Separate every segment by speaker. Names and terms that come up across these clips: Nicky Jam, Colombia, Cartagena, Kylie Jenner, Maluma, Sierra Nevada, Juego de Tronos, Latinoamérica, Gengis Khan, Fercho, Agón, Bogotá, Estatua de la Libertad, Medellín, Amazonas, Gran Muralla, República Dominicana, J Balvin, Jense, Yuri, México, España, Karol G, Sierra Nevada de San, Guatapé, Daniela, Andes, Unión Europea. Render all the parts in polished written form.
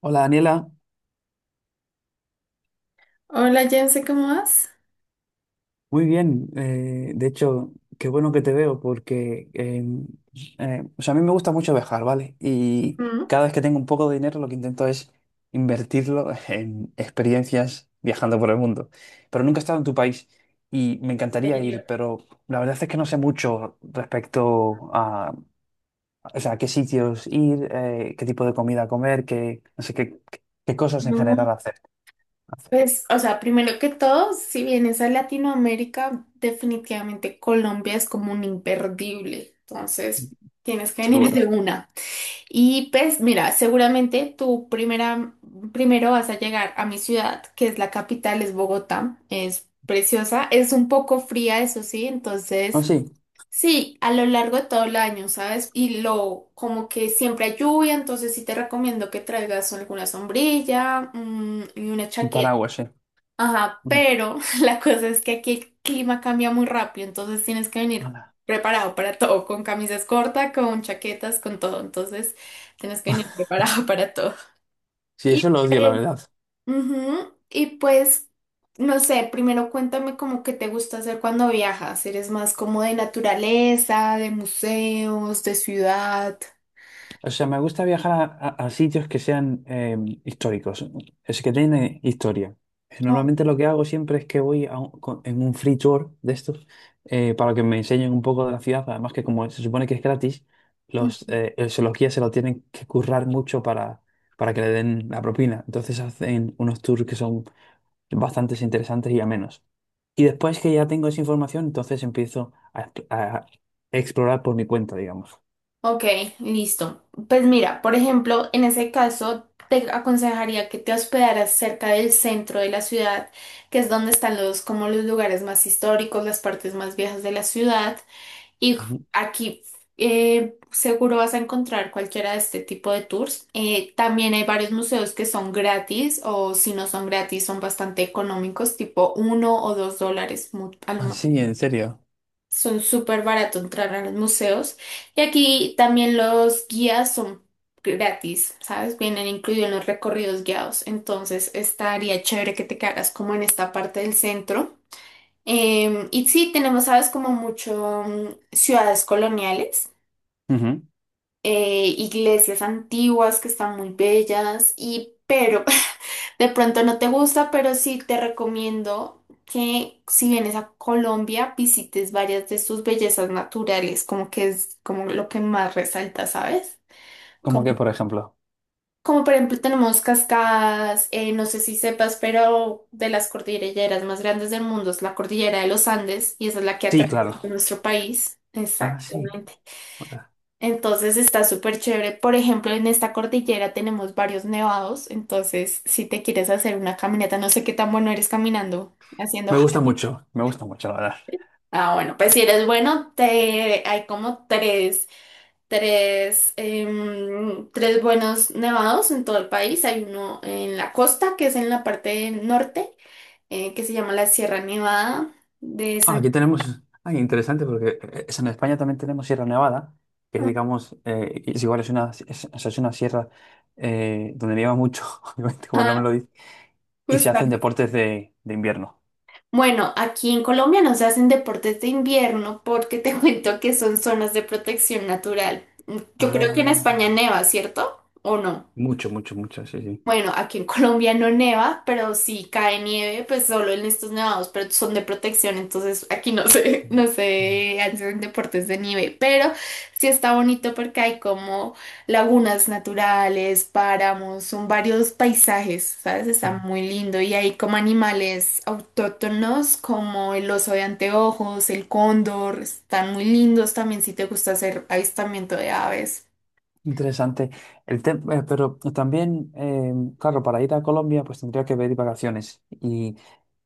Speaker 1: Hola Daniela,
Speaker 2: Hola Jense, ¿cómo vas?
Speaker 1: muy bien. De hecho, qué bueno que te veo porque o sea, a mí me gusta mucho viajar, ¿vale? Y
Speaker 2: Ujú.
Speaker 1: cada vez que tengo un poco de dinero lo que intento es invertirlo en experiencias viajando por el mundo. Pero nunca he estado en tu país y me
Speaker 2: ¿En
Speaker 1: encantaría
Speaker 2: serio?
Speaker 1: ir, pero la verdad es que no sé mucho o sea, a qué sitios ir, qué tipo de comida comer, qué, no sé, qué, qué cosas en general
Speaker 2: No,
Speaker 1: hacer. Hacer.
Speaker 2: pues, o sea, primero que todo, si vienes a Latinoamérica, definitivamente Colombia es como un imperdible. Entonces, tienes que venir de
Speaker 1: Seguro.
Speaker 2: una. Y pues, mira, seguramente primero vas a llegar a mi ciudad, que es la capital, es Bogotá. Es preciosa, es un poco fría, eso sí.
Speaker 1: No,
Speaker 2: entonces.
Speaker 1: sí,
Speaker 2: Sí, a lo largo de todo el año, ¿sabes? Y como que siempre hay lluvia, entonces sí te recomiendo que traigas alguna sombrilla y una
Speaker 1: un
Speaker 2: chaqueta.
Speaker 1: paraguas, sí.
Speaker 2: Ajá, pero la cosa es que aquí el clima cambia muy rápido, entonces tienes que venir
Speaker 1: Ala.
Speaker 2: preparado para todo, con camisas cortas, con chaquetas, con todo, entonces tienes que venir preparado para todo.
Speaker 1: Sí,
Speaker 2: Y
Speaker 1: eso lo odio, la
Speaker 2: pues,
Speaker 1: verdad.
Speaker 2: ujú, y pues, no sé, primero cuéntame como que te gusta hacer cuando viajas. ¿Eres más como de naturaleza, de museos, de ciudad?
Speaker 1: O sea, me gusta viajar a, a sitios que sean históricos, es que tienen historia.
Speaker 2: Oh.
Speaker 1: Normalmente lo que hago siempre es que voy a en un free tour de estos para que me enseñen un poco de la ciudad. Además que como se supone que es gratis,
Speaker 2: Mm.
Speaker 1: se los guías se lo tienen que currar mucho para que le den la propina. Entonces hacen unos tours que son bastante interesantes y amenos. Y después que ya tengo esa información, entonces empiezo a explorar por mi cuenta, digamos.
Speaker 2: Ok, listo. Pues mira, por ejemplo, en ese caso te aconsejaría que te hospedaras cerca del centro de la ciudad, que es donde están los como los lugares más históricos, las partes más viejas de la ciudad. Y
Speaker 1: Ujú.
Speaker 2: aquí seguro vas a encontrar cualquiera de este tipo de tours. También hay varios museos que son gratis o si no son gratis son bastante económicos, tipo 1 o 2 dólares.
Speaker 1: Ah, sí, ¿en serio?
Speaker 2: Son súper barato entrar a los museos. Y aquí también los guías son gratis, ¿sabes? Vienen incluidos en los recorridos guiados. Entonces estaría chévere que te quedaras como en esta parte del centro. Y sí, tenemos, sabes, como mucho ciudades coloniales.
Speaker 1: Ujú.
Speaker 2: Iglesias antiguas que están muy bellas, y pero de pronto no te gusta, pero sí te recomiendo que si vienes a Colombia visites varias de sus bellezas naturales, como que es como lo que más resalta, ¿sabes?
Speaker 1: Como
Speaker 2: Como,
Speaker 1: que, por ejemplo.
Speaker 2: como por ejemplo tenemos cascadas. Eh, no sé si sepas, pero de las cordilleras más grandes del mundo es la cordillera de los Andes, y esa es la que
Speaker 1: Sí, claro.
Speaker 2: atraviesa nuestro país.
Speaker 1: Ah, sí.
Speaker 2: Exactamente.
Speaker 1: Hola.
Speaker 2: Entonces está súper chévere. Por ejemplo, en esta cordillera tenemos varios nevados. Entonces, si te quieres hacer una caminata, no sé qué tan bueno eres caminando, haciendo hike.
Speaker 1: Me gusta mucho, la verdad.
Speaker 2: Ah, bueno, pues si eres bueno, te... hay como tres buenos nevados en todo el país. Hay uno en la costa, que es en la parte norte, que se llama la Sierra Nevada de
Speaker 1: Ah,
Speaker 2: San...
Speaker 1: aquí tenemos, ah, interesante porque es, en España también tenemos Sierra Nevada, que es, digamos, es igual, es una, es, o sea, es una sierra donde nieva mucho, obviamente, como el nombre
Speaker 2: Ajá,
Speaker 1: lo dice, y se
Speaker 2: justo.
Speaker 1: hacen deportes de invierno.
Speaker 2: Bueno, aquí en Colombia no se hacen deportes de invierno porque te cuento que son zonas de protección natural. Yo creo que en
Speaker 1: Ah,
Speaker 2: España neva, ¿cierto? ¿O no?
Speaker 1: mucho, mucho, mucho, sí,
Speaker 2: Bueno, aquí en Colombia no neva, pero si cae nieve, pues solo en estos nevados, pero son de protección, entonces aquí no se no se hacen deportes de nieve, pero sí está bonito porque hay como lagunas naturales, páramos, son varios paisajes, ¿sabes? Está
Speaker 1: sí.
Speaker 2: muy lindo y hay como animales autóctonos como el oso de anteojos, el cóndor, están muy lindos también si te gusta hacer avistamiento de aves.
Speaker 1: Interesante. Pero también, claro, para ir a Colombia, pues tendría que pedir vacaciones. Y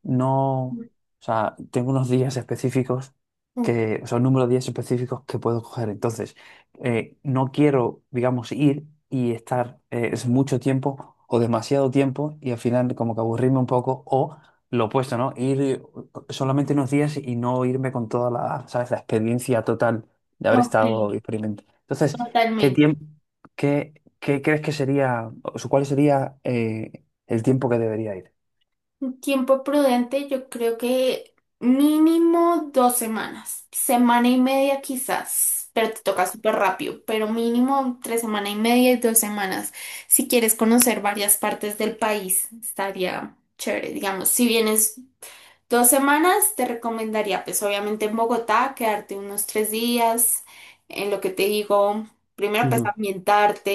Speaker 1: no, o
Speaker 2: Mm.
Speaker 1: sea, tengo unos días específicos
Speaker 2: Ok.
Speaker 1: que, o sea, un número de días específicos que puedo coger. Entonces, no quiero, digamos, ir y estar es mucho tiempo o demasiado tiempo y al final como que aburrirme un poco o lo opuesto, ¿no? Ir solamente unos días y no irme con toda la, ¿sabes? La experiencia total de haber
Speaker 2: Ok,
Speaker 1: estado experimentando. Entonces, ¿qué
Speaker 2: totalmente.
Speaker 1: tiempo, qué, qué crees que sería, o sea, cuál sería el tiempo que debería ir?
Speaker 2: Tiempo prudente, yo creo que mínimo 2 semanas, semana y media quizás, pero te toca súper rápido, pero mínimo entre semana y media y 2 semanas. Si quieres conocer varias partes del país, estaría chévere. Digamos, si vienes 2 semanas, te recomendaría, pues obviamente en Bogotá, quedarte unos 3 días, en lo que te digo. Primero, pues
Speaker 1: Ujú.
Speaker 2: ambientarte.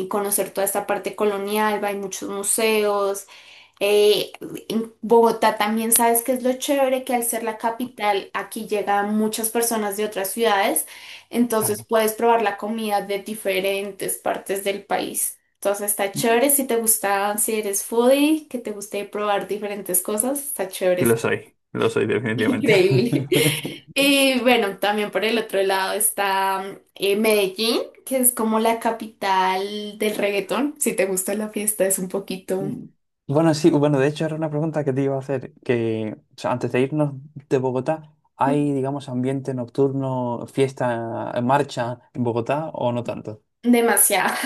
Speaker 2: Eh, conocer toda esta parte colonial, hay muchos museos. eh, en Bogotá también sabes que es lo chévere que al ser la capital aquí llegan muchas personas de otras ciudades, entonces
Speaker 1: Claro.
Speaker 2: puedes probar la comida de diferentes partes del país. Entonces está chévere si te gusta, si eres foodie, que te guste probar diferentes cosas, está chévere,
Speaker 1: Y
Speaker 2: es
Speaker 1: lo soy definitivamente.
Speaker 2: increíble. Y bueno, también por el otro lado está Medellín, que es como la capital del reggaetón. Si te gusta la fiesta, es un poquito
Speaker 1: Mm. Bueno, sí, bueno, de hecho era una pregunta que te iba a hacer, que o sea, antes de irnos de Bogotá,
Speaker 2: mm,
Speaker 1: ¿hay, digamos, ambiente nocturno, fiesta, marcha en Bogotá o no tanto?
Speaker 2: demasiado.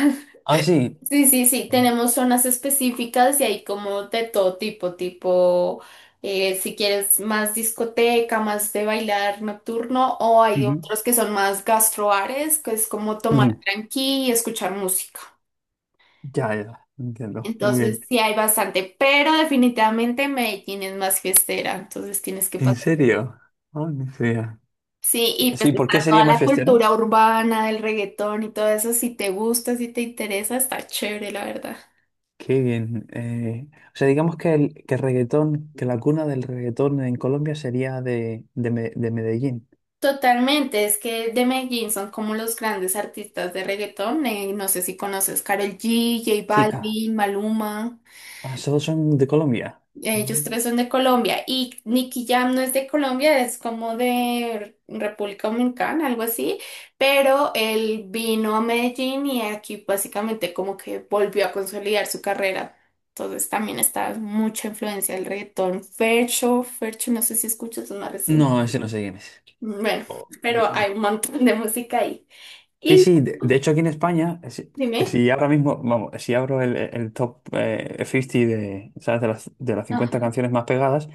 Speaker 1: Ah, sí.
Speaker 2: Sí, sí, sí, tenemos zonas específicas y hay como de todo tipo, tipo, si quieres más discoteca, más de bailar nocturno, o hay
Speaker 1: Ujú.
Speaker 2: otros que son más gastroares, que es como tomar
Speaker 1: Ujú.
Speaker 2: tranqui y escuchar música.
Speaker 1: Ya, ya, entiendo. Muy bien.
Speaker 2: Entonces sí hay bastante, pero definitivamente Medellín es más fiestera, entonces tienes que
Speaker 1: ¿En
Speaker 2: pasar.
Speaker 1: serio? Ay, mi tía.
Speaker 2: Sí, y pues
Speaker 1: Sí, ¿por qué
Speaker 2: está toda
Speaker 1: sería más
Speaker 2: la
Speaker 1: fiestera?
Speaker 2: cultura urbana del reggaetón y todo eso, si te gusta, si te interesa, está chévere, la verdad.
Speaker 1: Qué bien. O sea, digamos que el reggaetón, que la cuna del reggaetón en Colombia sería de, de Medellín.
Speaker 2: Totalmente, es que de Medellín son como los grandes artistas de reggaetón. No sé si conoces Karol G, J
Speaker 1: Sí, claro.
Speaker 2: Balvin, Maluma.
Speaker 1: Ah, todos son de Colombia. Ah.
Speaker 2: Ellos tres son de Colombia y Nicky Jam no es de Colombia, es como de República Dominicana, algo así. Pero él vino a Medellín y aquí básicamente como que volvió a consolidar su carrera. Entonces también está mucha influencia del reggaetón. Fercho, Fercho, no sé si escuchas, es más reciente.
Speaker 1: No, ese no sé quién es.
Speaker 2: Bueno,
Speaker 1: Oh, no,
Speaker 2: pero hay
Speaker 1: no.
Speaker 2: un montón de música ahí.
Speaker 1: Sí,
Speaker 2: Y
Speaker 1: sí, de hecho aquí en España, si,
Speaker 2: dime.
Speaker 1: si ahora mismo, vamos, si abro el top 50 de, ¿sabes? De las cincuenta
Speaker 2: Ajá.
Speaker 1: canciones más pegadas,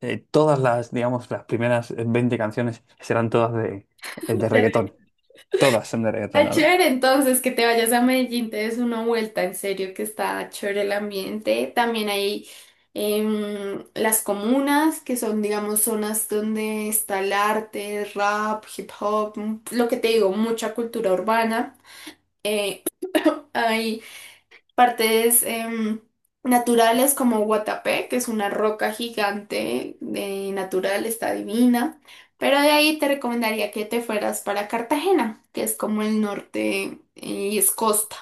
Speaker 1: todas las, digamos, las primeras 20 canciones serán todas de
Speaker 2: de re-
Speaker 1: reggaetón. Todas son de
Speaker 2: Está
Speaker 1: reggaetón.
Speaker 2: chévere entonces que te vayas a Medellín, te des una vuelta, en serio que está chévere el ambiente. También hay las comunas, que son, digamos, zonas donde está el arte, rap, hip hop, lo que te digo, mucha cultura urbana. Eh, hay partes naturales como Guatapé, que es una roca gigante de natural, está divina. Pero de ahí te recomendaría que te fueras para Cartagena, que es como el norte, y es costa.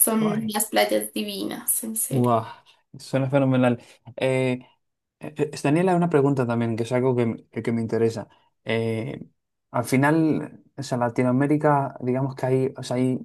Speaker 2: Son
Speaker 1: Guay.
Speaker 2: unas playas divinas, en serio.
Speaker 1: Guau, suena fenomenal. Eh, Daniela, una pregunta también, que es algo que, que me interesa. Eh, Al final, o sea, Latinoamérica, digamos que hay, o sea, hay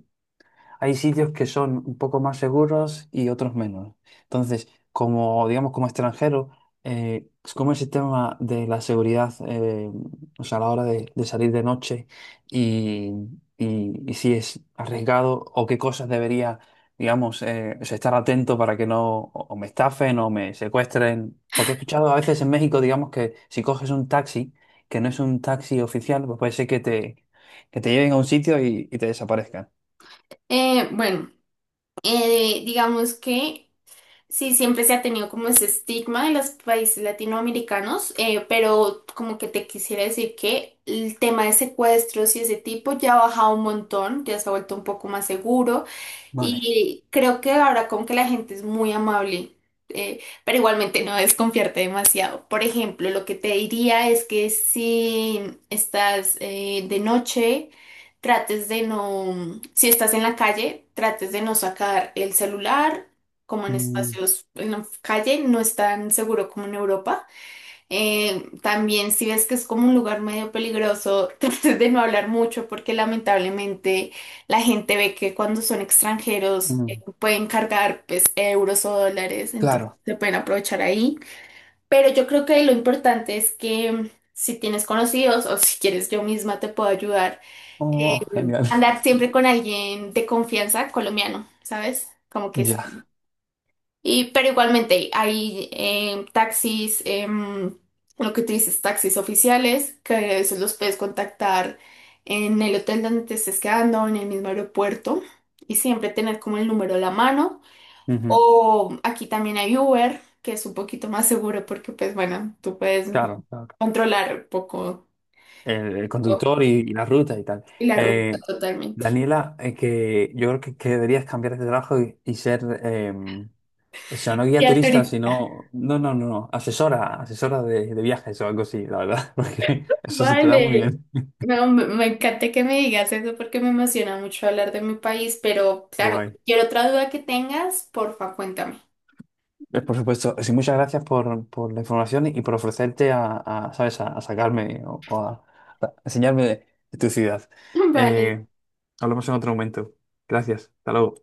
Speaker 1: hay sitios que son un poco más seguros y otros menos. Entonces, como, digamos, como extranjero, eh, ¿cómo el sistema de la seguridad, o sea, a la hora de salir de noche y, y si es arriesgado o qué cosas debería, digamos, o sea, estar atento para que no o me estafen o me secuestren? Porque he escuchado a veces en México, digamos, que si coges un taxi, que no es un taxi oficial, pues puede ser que te lleven a un sitio y te desaparezcan.
Speaker 2: Bueno, digamos que sí, siempre se ha tenido como ese estigma en los países latinoamericanos, pero como que te quisiera decir que el tema de secuestros y ese tipo ya ha bajado un montón, ya se ha vuelto un poco más seguro.
Speaker 1: Vale.
Speaker 2: Y creo que ahora como que la gente es muy amable, pero igualmente no desconfiarte demasiado. Por ejemplo, lo que te diría es que si estás de noche, trates de no, si estás en la calle, trates de no sacar el celular, como en
Speaker 1: Mm,
Speaker 2: espacios en la calle, no es tan seguro como en Europa. También si ves que es como un lugar medio peligroso, trates de no hablar mucho porque lamentablemente la gente ve que cuando son extranjeros
Speaker 1: mm,
Speaker 2: pueden cargar pues euros o dólares, entonces
Speaker 1: claro.
Speaker 2: se pueden aprovechar ahí. Pero yo creo que lo importante es que si tienes conocidos o si quieres yo misma te puedo ayudar,
Speaker 1: Oh, genial.
Speaker 2: andar siempre con alguien de confianza colombiano, ¿sabes? Como que sí.
Speaker 1: Ya.
Speaker 2: Y, pero igualmente hay taxis, lo que tú dices, taxis oficiales, que a veces los puedes contactar en el hotel donde te estés quedando, en el mismo aeropuerto, y siempre tener como el número a la mano.
Speaker 1: Ujú,
Speaker 2: O aquí también hay Uber, que es un poquito más seguro porque, pues bueno, tú puedes
Speaker 1: claro, claro.
Speaker 2: controlar un poco
Speaker 1: El
Speaker 2: todo
Speaker 1: conductor y la ruta y tal.
Speaker 2: y la ruta
Speaker 1: Eh,
Speaker 2: totalmente.
Speaker 1: Daniela, que yo creo que deberías cambiar de trabajo y ser, o sea, no guía
Speaker 2: Ya.
Speaker 1: turista, sino, no, no, no, no, asesora, asesora de viajes o algo así, la verdad, porque eso se te da muy
Speaker 2: Vale.
Speaker 1: bien.
Speaker 2: No, me encanta que me digas eso porque me emociona mucho hablar de mi país, pero
Speaker 1: Qué
Speaker 2: claro,
Speaker 1: guay.
Speaker 2: cualquier otra duda que tengas, porfa, cuéntame.
Speaker 1: Por supuesto, sí, muchas gracias por la información y por ofrecerte a, ¿sabes? A sacarme o a enseñarme de tu ciudad.
Speaker 2: Vale.
Speaker 1: Eh, hablamos en otro momento. Gracias, hasta luego.